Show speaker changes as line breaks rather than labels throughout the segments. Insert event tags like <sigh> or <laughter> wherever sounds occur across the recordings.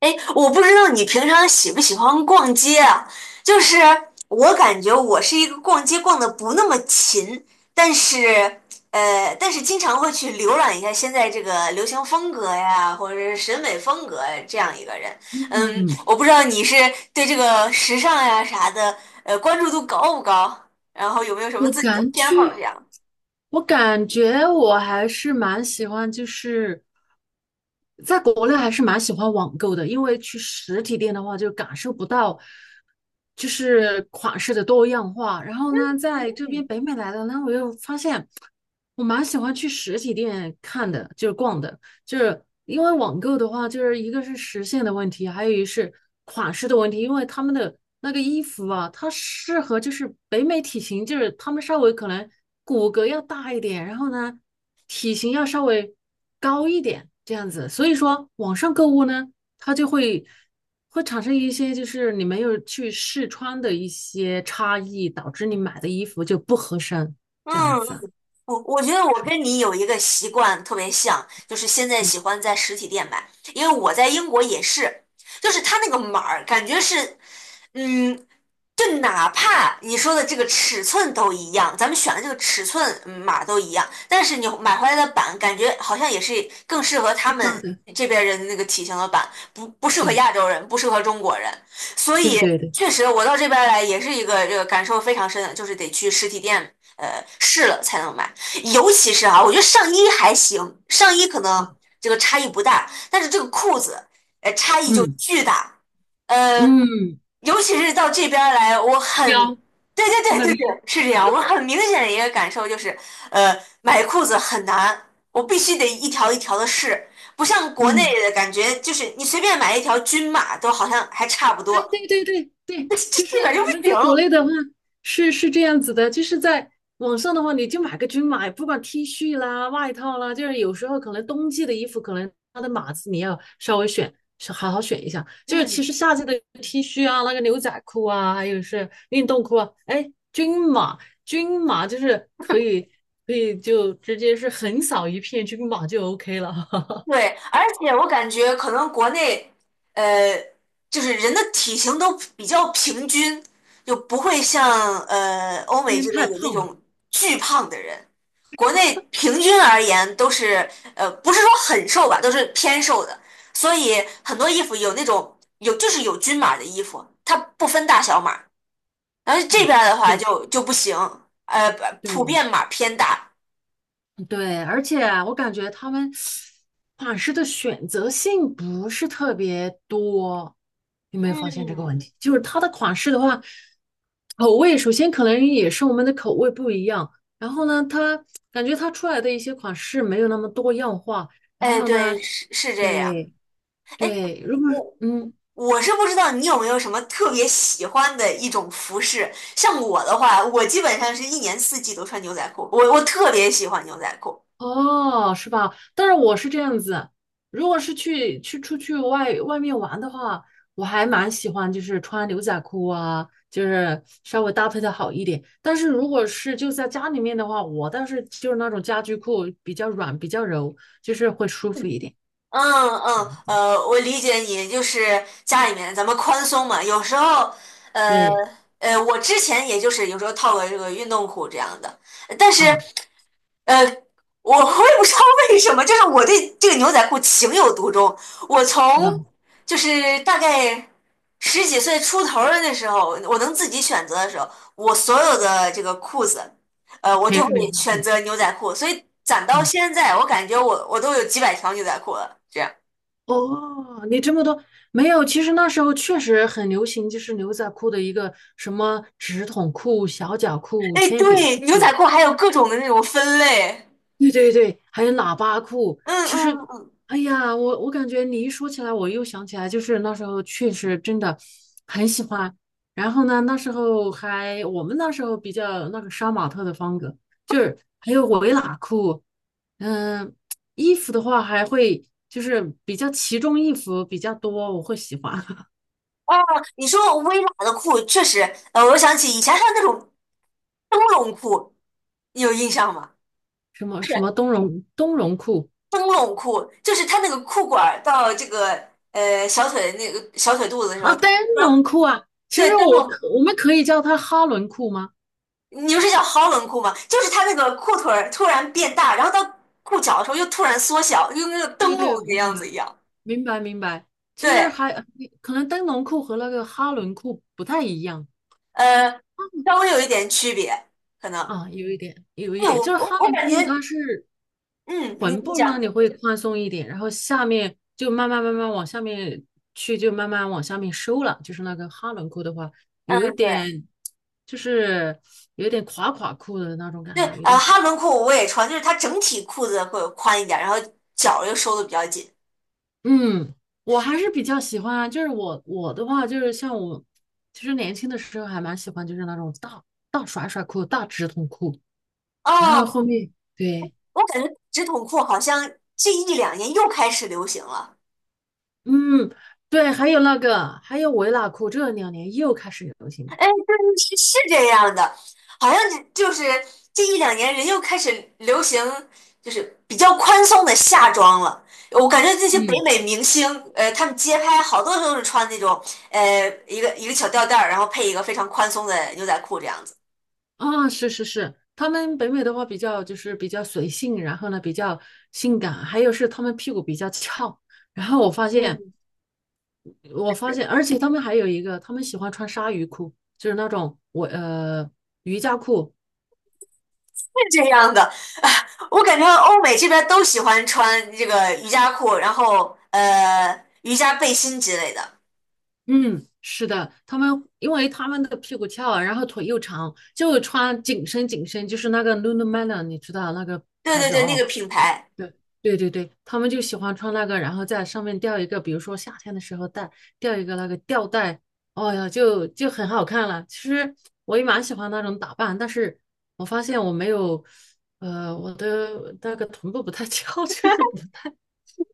哎，我不知道你平常喜不喜欢逛街啊？就是我感觉我是一个逛街逛的不那么勤，但是但是经常会去浏览一下现在这个流行风格呀，或者是审美风格呀这样一个人。嗯，
嗯，
我不知道你是对这个时尚呀啥的，关注度高不高？然后有没有什么
我
自己的
感
偏好
觉，
这样？
我感觉，我还是蛮喜欢，就是在国内还是蛮喜欢网购的，因为去实体店的话就感受不到，就是款式的多样化。然后呢，在这
嗯
边北美来的呢，我又发现我蛮喜欢去实体店看的，就是逛的，就是因为网购的话，就是一个是时限的问题，还有一是款式的问题，因为他们的。那个衣服啊，它适合就是北美体型，就是他们稍微可能骨骼要大一点，然后呢，体型要稍微高一点这样子。所以说，网上购物呢，它就会产生一些就是你没有去试穿的一些差异，导致你买的衣服就不合身这样
嗯。
子。
我觉得我跟你有一个习惯特别像，就是现在喜欢在实体店买，因为我在英国也是，就是他那个码儿感觉是，嗯，就哪怕你说的这个尺寸都一样，咱们选的这个尺寸嗯码都一样，但是你买回来的版感觉好像也是更适合他
是大
们
的，
这边人的那个体型的版，不适合
对
亚洲人，不适合中国人。所
对
以
对对，
确实，我到这边来也是一个这个感受非常深的，就是得去实体店试了才能买。尤其是啊，我觉得上衣还行，上衣可能
啊，
这个差异不大，但是这个裤子差异就
嗯
巨大。呃，
嗯，嗯
尤其是到这边儿来，我很，
腰
对对对
那个
对对，
腰，
是这样。我很明显的一个感受就是，呃，买裤子很难，我必须得一条一条的试，不像国
嗯。
内的感觉，就是你随便买一条均码都好像还差不
哎，
多，
对对对
<laughs>
对，
这
就是
这边儿就
我
不
们在国
行。
内的话是这样子的，就是在网上的话，你就买个均码，不管 T 恤啦、外套啦，就是有时候可能冬季的衣服，可能它的码子你要稍微选，是好好选一下。就是其
嗯。
实夏季的 T 恤啊、那个牛仔裤啊，还有是运动裤啊，哎，均码就是可以就直接是横扫一片均码就 OK 了，
对，而且我感觉可能国内，呃，就是人的体型都比较平均，就不会像欧
<laughs>
美
因为
这边
太
有那
胖
种巨胖的人。国内平均而言都是不是说很瘦吧，都是偏瘦的，所以很多衣服有那种就是有均码的衣服，它不分大小码。然后这
嗯，
边儿的话
是，
就不行，呃，普
对，
遍码偏大。
对，而且我感觉他们款式的选择性不是特别多，有没有发现这个
嗯，
问题？就是它的款式的话，口味首先可能也是我们的口味不一样，然后呢，它感觉它出来的一些款式没有那么多样化，然
哎，
后呢，
对，是是这样。
对
哎，
对，如果是
我
嗯。
我是不知道你有没有什么特别喜欢的一种服饰，像我的话，我基本上是一年四季都穿牛仔裤，我特别喜欢牛仔裤。
哦，是吧？但是我是这样子，如果是去出去外面玩的话，我还蛮喜欢，就是穿牛仔裤啊，就是稍微搭配的好一点。但是如果是就在家里面的话，我倒是就是那种家居裤，比较软，比较柔，就是会舒服一点。
嗯嗯，我理解你，就是家里面咱们宽松嘛，有时候，呃
对
我之前也就是有时候套个这个运动裤这样的，但是。
啊，
呃，我也不知道为什么，就是我对这个牛仔裤情有独钟。我从
是吧？
就是大概十几岁出头儿的那时候，我能自己选择的时候，我所有的这个裤子，我
全
就会
是牛仔
选
裤
择牛仔裤。所以攒到
啊。
现在，我感觉我都有几百条牛仔裤了。这样，
哦，你这么多没有？其实那时候确实很流行，就是牛仔裤的一个什么直筒裤、小脚裤、
哎，
铅笔
对，牛
裤。
仔裤还有各种的那种分类。
对对对，还有喇叭裤。
嗯
其实，
嗯嗯，
哎呀，我感觉你一说起来，我又想起来，就是那时候确实真的很喜欢。然后呢，那时候还我们那时候比较那个杀马特的风格，就是还有围喇裤。嗯，衣服的话还会就是比较其中异服比较多，我会喜欢
哦，你说微喇的裤确实，我想起以前还有那种灯笼裤，你有印象吗？
<laughs> 什么
是。
什么冬绒冬绒裤
灯笼裤，就是它那个裤管儿到这个小腿那个小腿肚子的时候，
啊，
突
灯
然
笼裤啊。其
对
实
灯笼，
我们可以叫它哈伦裤吗？
你不是叫 Holland 裤吗？就是它那个裤腿儿突然变大，然后到裤脚的时候又突然缩小，就跟那个
对
灯
对，
笼那个
我明
样子
白。
一样。
明白明白。其实
对，
还可能灯笼裤和那个哈伦裤不太一样
呃，稍微有一点区别，可能。
啊，有一点，有一
哎，
点，就
我
是
我
哈
我
伦
感觉，
裤它是
嗯，你
臀
你
部那
讲，
里会宽松一点，然后下面就慢慢慢慢往下面去，就慢慢往下面收了。就是那个哈伦裤的话，
嗯，
有一
对
点就是有一点垮垮裤的那种感
对，
觉，有点垮。
哈伦裤我也穿，就是它整体裤子会宽一点，然后脚又收的比较紧。
嗯，我还是比较喜欢啊，就是我的话，就是像我，其实年轻的时候还蛮喜欢，就是那种大大甩甩裤、大直筒裤，然后
哦，
后面对，
我感觉直筒裤好像这一两年又开始流行了。
嗯，对，还有那个，还有维拉裤，这两年又开始流行了。
哎，对，是是这样的，好像就是这一两年人又开始流行，就是比较宽松的夏装了。我感觉这些北
嗯，
美明星，他们街拍好多都是穿那种，一个一个小吊带儿，然后配一个非常宽松的牛仔裤这样子。
啊，是是是，他们北美的话比较就是比较随性，然后呢比较性感，还有是他们屁股比较翘，然后我发现。
嗯，
我发
是
现，而且他们还有一个，他们喜欢穿鲨鱼裤，就是那种我瑜伽裤。
是这样的，<laughs> 我感觉欧美这边都喜欢穿这个瑜伽裤，然后瑜伽背心之类的。
嗯，是的，因为他们的屁股翘，然后腿又长，就穿紧身紧身，就是那个 Lululemon，你知道那个
对
牌
对
子
对，那
哦，
个品牌，
对对对对，他们就喜欢穿那个，然后在上面吊一个，比如说夏天的时候吊一个那个吊带，哦呀，就很好看了。其实我也蛮喜欢那种打扮，但是我发现我没有，我的那个臀部不太 <laughs> 翘，就是不太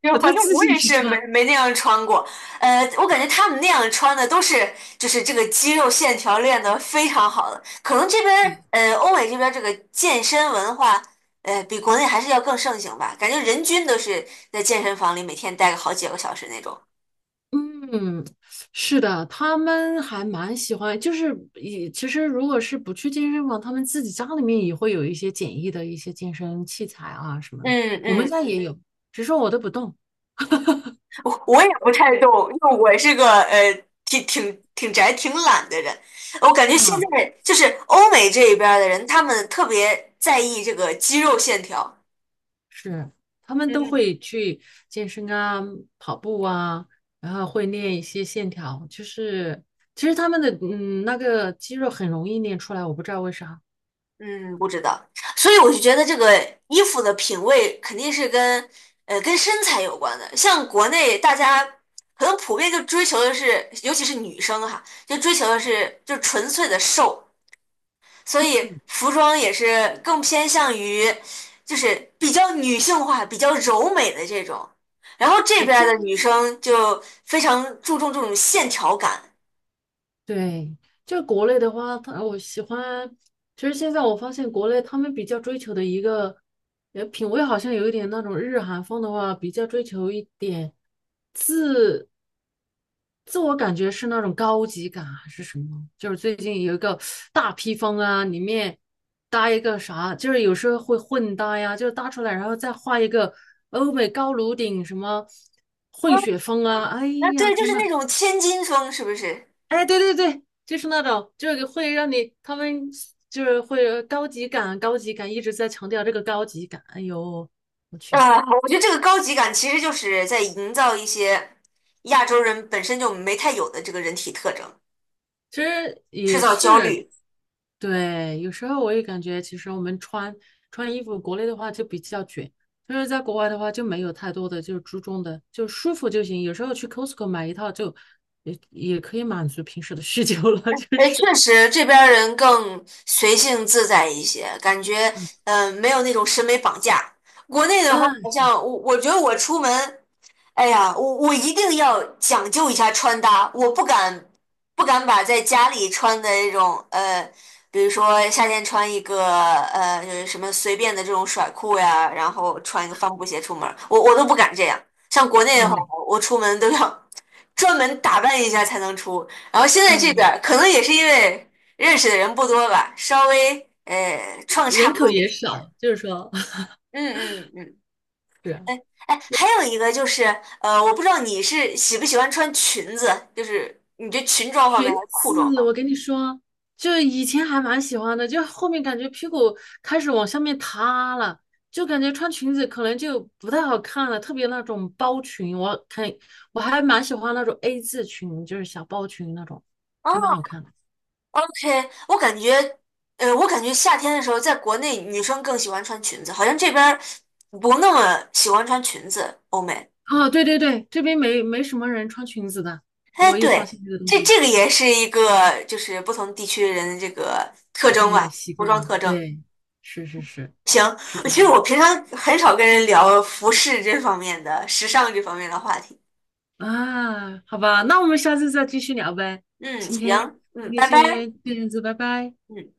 就
不太
反正
自
我
信
也
去
是没
穿。
没那样穿过。我感觉他们那样穿的都是就是这个肌肉线条练得非常好的，可能这边儿
对
欧美这边儿这个健身文化比国内还是要更盛行吧，感觉人均都是在健身房里每天待个好几个小时那种。
嗯，是的，他们还蛮喜欢，就是也其实如果是不去健身房，他们自己家里面也会有一些简易的一些健身器材啊什么的，
嗯
我们
嗯。
家也有，只是我都不动
我也不太懂，因为我是个挺挺宅、挺懒的人。我感觉现
啊。
在就是欧美这一边儿的人，他们特别在意这个肌肉线条。
是，他们都
嗯
会去健身啊，跑步啊，然后会练一些线条，就是其实他们的那个肌肉很容易练出来，我不知道为啥，
嗯，不知道，所以我就觉得这个衣服的品味肯定是跟跟身材有关的。像国内大家可能普遍就追求的是，尤其是女生哈，就追求的是就纯粹的瘦。所以
嗯，
服装也是更偏向于，就是比较女性化、比较柔美的这种。然后这
比
边儿
较
的女生就非常注重这种线条感，
对，就是国内的话，我喜欢。其实现在我发现国内他们比较追求的一个，品味好像有一点那种日韩风的话，比较追求一点自自我感觉是那种高级感还是什么？就是最近有一个大披风啊，里面搭一个啥，就是有时候会混搭呀，就是搭出来然后再画一个欧美高颅顶什么
啊，
混血风啊，哎
啊对，
呀
就是
天呐！
那种千金风，是不是？
哎，对对对，就是那种，就是会让你，他们就是会有高级感，高级感一直在强调这个高级感。哎呦，我去，
啊，我觉得这个高级感其实就是在营造一些亚洲人本身就没太有的这个人体特征，
其实
制
也
造焦
是，
虑。
对，有时候我也感觉，其实我们穿衣服，国内的话就比较卷，就是在国外的话就没有太多的就是注重的，就舒服就行。有时候去 Costco 买一套就也可以满足平时的需求了，就
哎，
是，
确实这边儿人更随性自在一些，感觉嗯、没有那种审美绑架。国内的话，
嗯
好像我觉得我出门，哎呀，我一定要讲究一下穿搭，我不敢不敢把在家里穿的那种，比如说夏天穿一个就是什么随便的这种甩裤呀，然后穿一个帆布鞋出门儿我都不敢这样。像国内的话，
嗯，
我出门都要专门打扮一下才能出。然后现在这边
对，
儿可能也是因为认识的人不多吧，稍微创差
人
不
口
多的
也
活儿。
少，就是说。<laughs>
嗯嗯嗯，
是。
哎，还有一个就是，我不知道你是喜不喜欢穿裙子，就是你这裙装方面
裙
还是裤装
子，
方面？
我跟你说，就以前还蛮喜欢的，就后面感觉屁股开始往下面塌了，就感觉穿裙子可能就不太好看了，特别那种包裙，我看我还蛮喜欢那种 A 字裙，就是小包裙那种，
哦
还蛮好看的。
，OK，我感觉，我感觉夏天的时候，在国内女生更喜欢穿裙子，好像这边儿不那么喜欢穿裙子，欧美。
啊，对对对，这边没什么人穿裙子的，
哎，
我也发
对，
现这个东
这
西，
这个也是一个就是不同地区人的这个特征
对，
吧，
习
服
惯
装
了，
特征。
对，是是是，
行，
是
其
这
实
样。
我平常很少跟人聊服饰这方面的、时尚这方面的话题。
啊，好吧，那我们下次再继续聊呗。
嗯，
今天
行，
今
嗯，
天
拜拜，
先这样子，拜拜。
嗯。